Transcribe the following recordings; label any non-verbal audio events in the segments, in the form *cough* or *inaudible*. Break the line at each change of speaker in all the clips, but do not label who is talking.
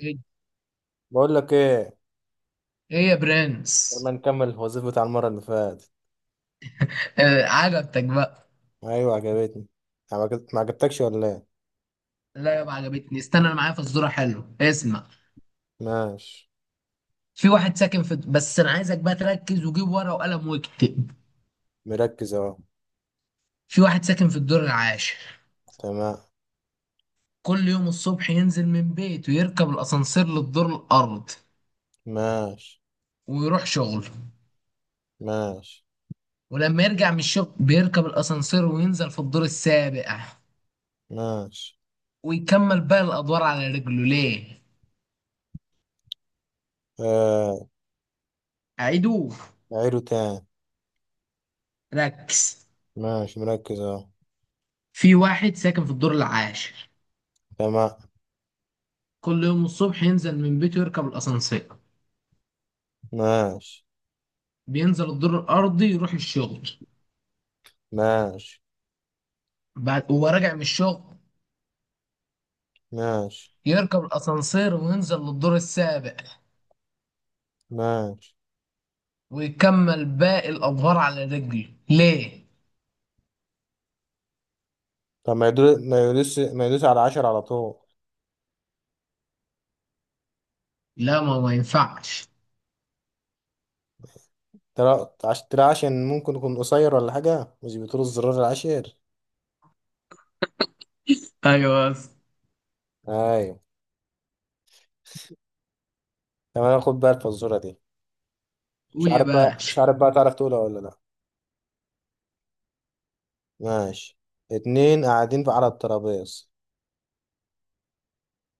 ايه.
بقول لك ايه.
إيه يا برنس.
يلا نكمل الوظيفة بتاع المرة اللي فاتت.
آه، عجبتك بقى؟
ايوه، عجبتني. ما عجبتكش ولا ايه؟
لا يابا، عجبتني. استنى، انا معايا في الصورة. حلو، اسمع.
ماشي،
في واحد ساكن في بس انا عايزك بقى تركز وجيب ورقة وقلم واكتب.
مركز اهو.
في واحد ساكن في الدور العاشر.
تمام.
كل يوم الصبح ينزل من بيته، يركب الاسانسير للدور الارض
ماشي.
ويروح شغله.
ماشي.
ولما يرجع من الشغل بيركب الاسانسير وينزل في الدور السابع،
ماشي.
ويكمل باقي الادوار على رجله. ليه؟
آه،
اعيدوه.
عيله تاني.
ركز.
ماشي، مركز اهو.
في واحد ساكن في الدور العاشر.
تمام.
كل يوم الصبح ينزل من بيته، يركب الأسانسير
ماشي.
بينزل الدور الأرضي يروح الشغل.
ماشي.
بعد وهو راجع من الشغل
ماشي.
يركب الأسانسير وينزل للدور السابع،
ماشي.
ويكمل باقي الأدوار على رجله. ليه؟
طب ما يدوس ما يدوس ما يدوس على عشر على طول.
لا، ما ينفعش.
ترى عشان ممكن يكون قصير ولا حاجة، مش بتقول الزرار العاشر؟
ايوه بس.
ايوه. تمام، خد بقى الفزورة دي. مش
قول يا
عارف بقى مش
باشا.
عارف بقى تعرف تقولها ولا لا؟ ماشي. اتنين قاعدين على الترابيز.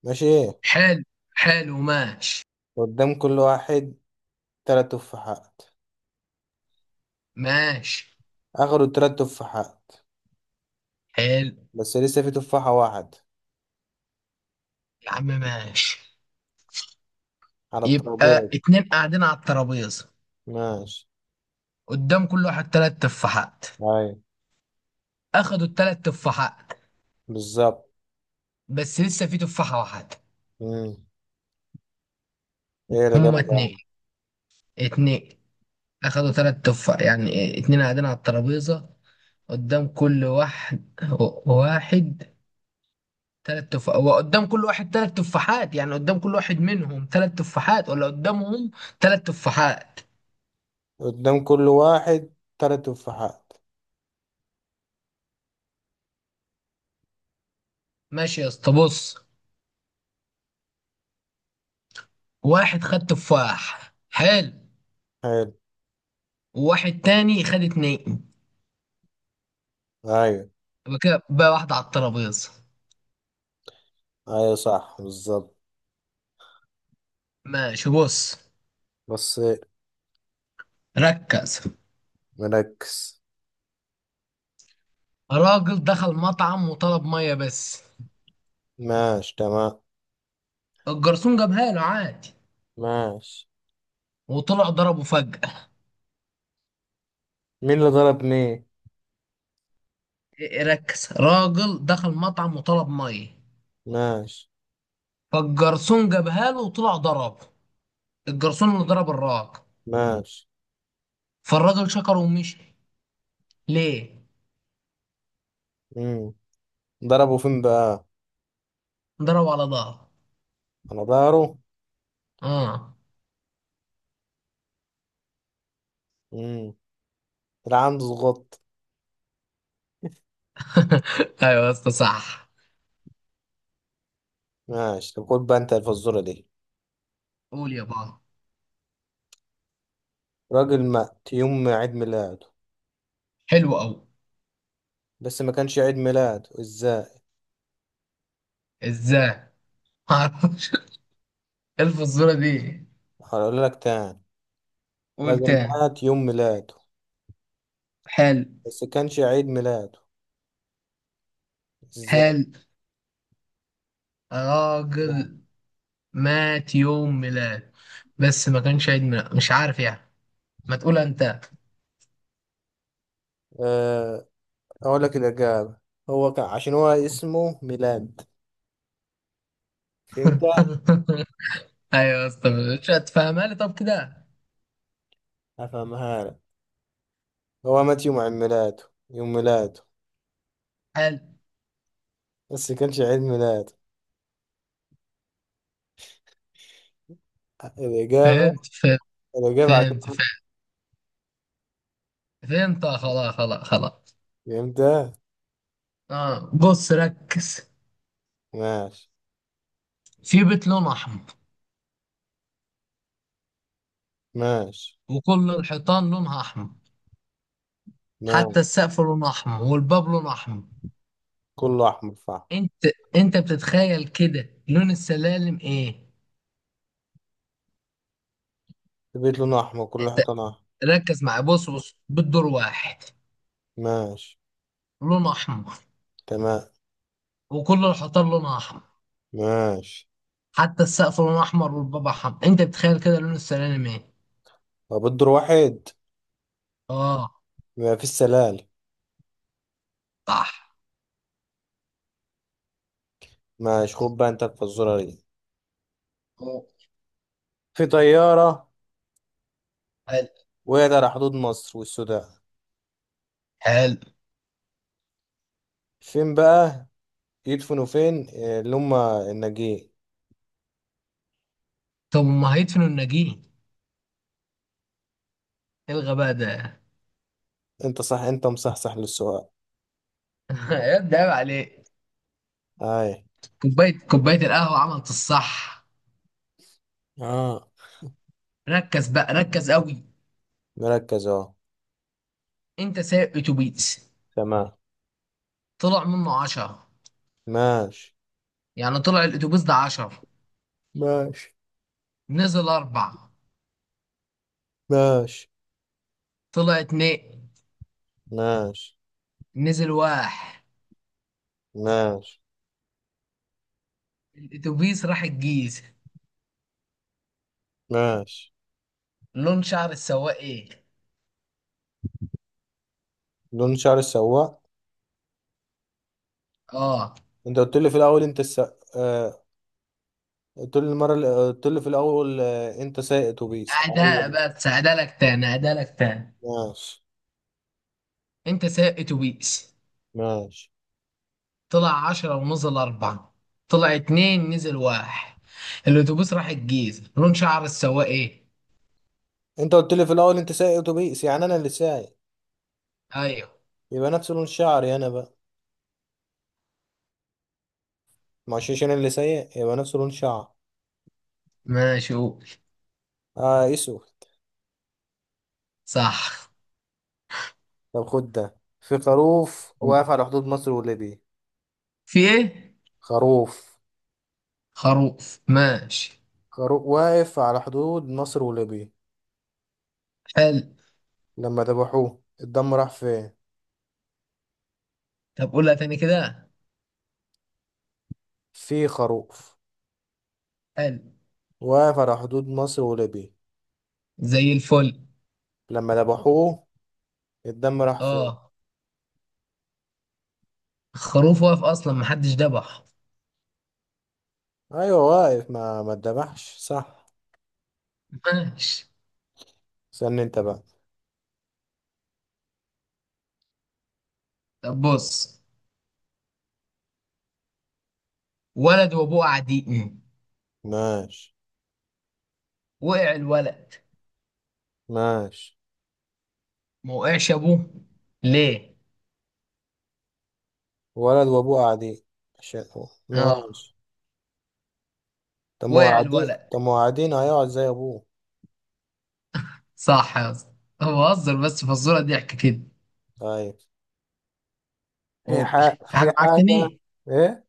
ماشي، ايه؟
حلو. حلو ماشي.
قدام كل واحد تلات تفاحات.
ماشي.
اخدوا التلات تفاحات.
حلو
بس لسه في تفاحة واحد
يا عم، ماشي.
على
يبقى
الترابيز.
اتنين قاعدين على الترابيزة،
ماشي.
قدام كل واحد تلات تفاحات.
ايوه،
اخدوا التلات تفاحات،
بالظبط.
بس لسه في تفاحة واحدة.
مم. ايه اللي جاب
هما اتنين،
بقى؟
اتنين اخدوا تلات تفاح يعني إيه، اتنين قاعدين على الترابيزة قدام كل واحد. واحد تلات تفاح، وقدام كل واحد تلات تفاحات، يعني قدام كل واحد منهم تلات تفاحات ولا قدامهم تلات تفاحات؟
قدام كل واحد تلات تفاحات.
ماشي يا اسطى، بص. واحد خد تفاح، حلو.
حلو.
وواحد تاني خد اتنين.
ايوه.
يبقى كده بقى واحدة على الترابيزة.
ايوه، صح، بالظبط.
ماشي، بص.
بس.
ركز.
مركز.
راجل دخل مطعم وطلب مية بس.
ماشي. تمام.
الجرسون جابها له عادي،
ماشي.
وطلع ضربه فجأة.
مين اللي ضرب مين؟
إيه، ركز. راجل دخل مطعم وطلب مية،
ماشي.
فالجرسون جابها له وطلع ضربه. الجرسون اللي ضرب الراجل،
ماشي.
فالراجل شكره ومشي. ليه؟
امم ضربه فين بقى؟
ضربه على ظهره.
على ظهره.
اه.
امم العمد عنده ضغط.
*laughs* ايوه يا اسطى، صح.
ماشي. طب خد بقى انت الفزوره دي.
قول يا بابا.
راجل مات يوم عيد ميلاده.
حلو قوي.
بس ما كانش عيد ميلاده، ازاي؟
ازاي؟ معرفش. *laughs* الف الصورة دي.
هقول لك تاني.
قول
راجل
تاني.
مات يوم ميلاده.
حلو.
بس كانش عيد ميلاده. ازاي؟
حلو.
ازاي؟
راجل مات يوم ميلاد، بس ما كانش عيد ميلاد، مش عارف يعني. ما تقول انت.
أه، اقول لك الاجابه. هو كان عشان هو اسمه ميلاد. فهمت؟
*laughs* ايوه يا اسطى، مش هتفهمها لي طب كده؟
افهمها لك. هو مات يوم عيد ميلاده. يوم ميلاده.
حلو.
بس كانش عيد ميلاده. الإجابة
فهمت، فهمت،
الإجابة عشان.
فهمت، فهمت، فهمت. آه، خلاص، خلاص، خلاص.
فهمت.
اه بص، ركز.
ماشي.
في بيت لونه احمر،
ماشي.
وكل الحيطان لونها احمر،
ماشي.
حتى السقف لونه احمر، والباب لونه احمر.
كله أحمر فحم.
انت انت بتتخيل كده لون السلالم ايه؟
البيت لونه أحمر، كل
انت
حيطانه أحمر.
ركز معايا، بص بص. بالدور واحد
ماشي.
لونه احمر،
تمام.
وكل الحيطان لونها احمر،
ماشي.
حتى السقف لونه احمر، والبابا حم. انت بتخيل كده لون السلالم ايه؟
طب الدور واحد،
اه،
ما فيش سلالم.
صح.
ماشي، خد بقى أنت الفزورة دي.
أوه.
في طيارة
حلو.
وقعت على حدود مصر والسودان.
حلو.
فين بقى يدفنوا فين اللي هما الناجين؟
طب ما هيدفنوا الناجين، ايه الغباء ده؟
أنت صح، أنت مصحصح للسؤال.
*laughs* يا ابني عيب عليك.
أي.
كوبايه القهوه عملت الصح.
آه.
ركز بقى، ركز قوي.
مركز أهو.
انت سايق اتوبيس،
تمام.
طلع منه 10،
ماشي.
يعني طلع الاتوبيس ده 10.
ماشي.
نزل اربعة،
ماشي.
طلع اتنين،
ماشي.
نزل واحد.
ماشي.
الاتوبيس راح الجيزه،
ماشي.
لون شعر السواق ايه؟
لون شعر السواق.
اه.
انت قلت لي في الاول آه... قلت لي قلت لي في الاول، انت سايق اتوبيس،
أداء
ايوه.
بس أدالك تاني، أدالك تاني.
ماشي.
أنت سايق أتوبيس،
ماشي.
طلع 10 ونزل أربعة، طلع اتنين نزل واحد. الأتوبيس راح الجيزة، لون شعر السواق إيه؟
انت قلت لي في الاول انت سايق اتوبيس، يعني انا اللي سايق.
أيوه.
يبقى نفس لون شعري انا بقى. مش عشان انا اللي سايق، يبقى نفس لون شعر.
ماشي، قول.
اه، اسود.
صح.
طب خد ده. في خروف واقف على حدود مصر وليبيا.
في إيه؟
خروف.
خروف، ماشي.
خروف واقف على حدود مصر وليبيا.
حلو.
لما ذبحوه، الدم راح فين؟
طب قولها تاني كده.
في خروف
حلو.
واقف على حدود مصر وليبيا.
زي الفل.
لما ذبحوه، الدم راح فين؟
آه، خروف واقف أصلا محدش دبح.
ايوه، واقف، ما اتذبحش، صح.
ماشي.
استنى انت بقى.
طب بص، ولد وأبوه قاعدين،
ماشي.
وقع الولد
ماشي.
ما وقعش ابوه، ليه؟
ولد وابوه قاعدين.
اه،
ماشي. طب ما هو
وقع
قاعدين
الولد.
طب ما هو قاعدين هيقعد زي ابوه.
صح يا اسطى، أنا بهزر، بس فزوره ضحك كده.
طيب. في
أوه.
حاجة
في
في
حاجه معاك
حاجة
تاني؟
ايه؟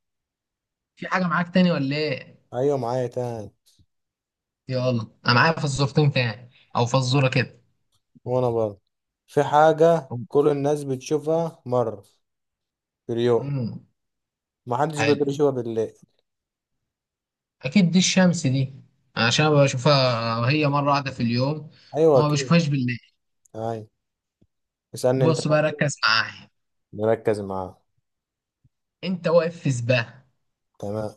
في حاجه معاك تاني ولا ايه؟
ايوه، معايا تاني.
يلا، انا معايا فزورتين تاني او فزوره كده.
وانا برضه. في حاجة كل الناس بتشوفها مرة في اليوم،
امم
محدش
حلو.
بيقدر يشوفها بالليل.
اكيد دي الشمس دي، عشان أنا بشوفها هي مره واحده في اليوم،
ايوه،
وما
اكيد.
بشوفهاش بالليل.
ايوه. اسألني انت
بص
بقى.
بقى، ركز معايا.
نركز معاه.
انت واقف في سباق،
تمام.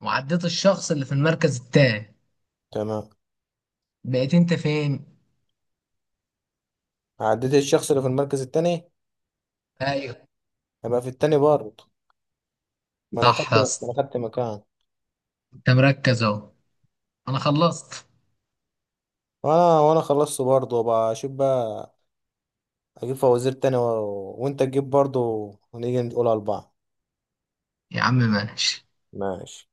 وعديت الشخص اللي في المركز التاني،
تمام.
بقيت انت فين؟
عديت الشخص اللي في المركز التاني.
ايوه،
هبقى في التاني برضه. ما انا
صح
خدت
يا
ما
اسطى،
انا خدت مكان.
انت مركز اهو. انا خلصت.
وانا خلصت برضه، وبقى اشوف بقى. اجيب فوازير تاني وانت تجيب برضه، ونيجي نقولها لبعض.
يا عم ماشي.
ماشي.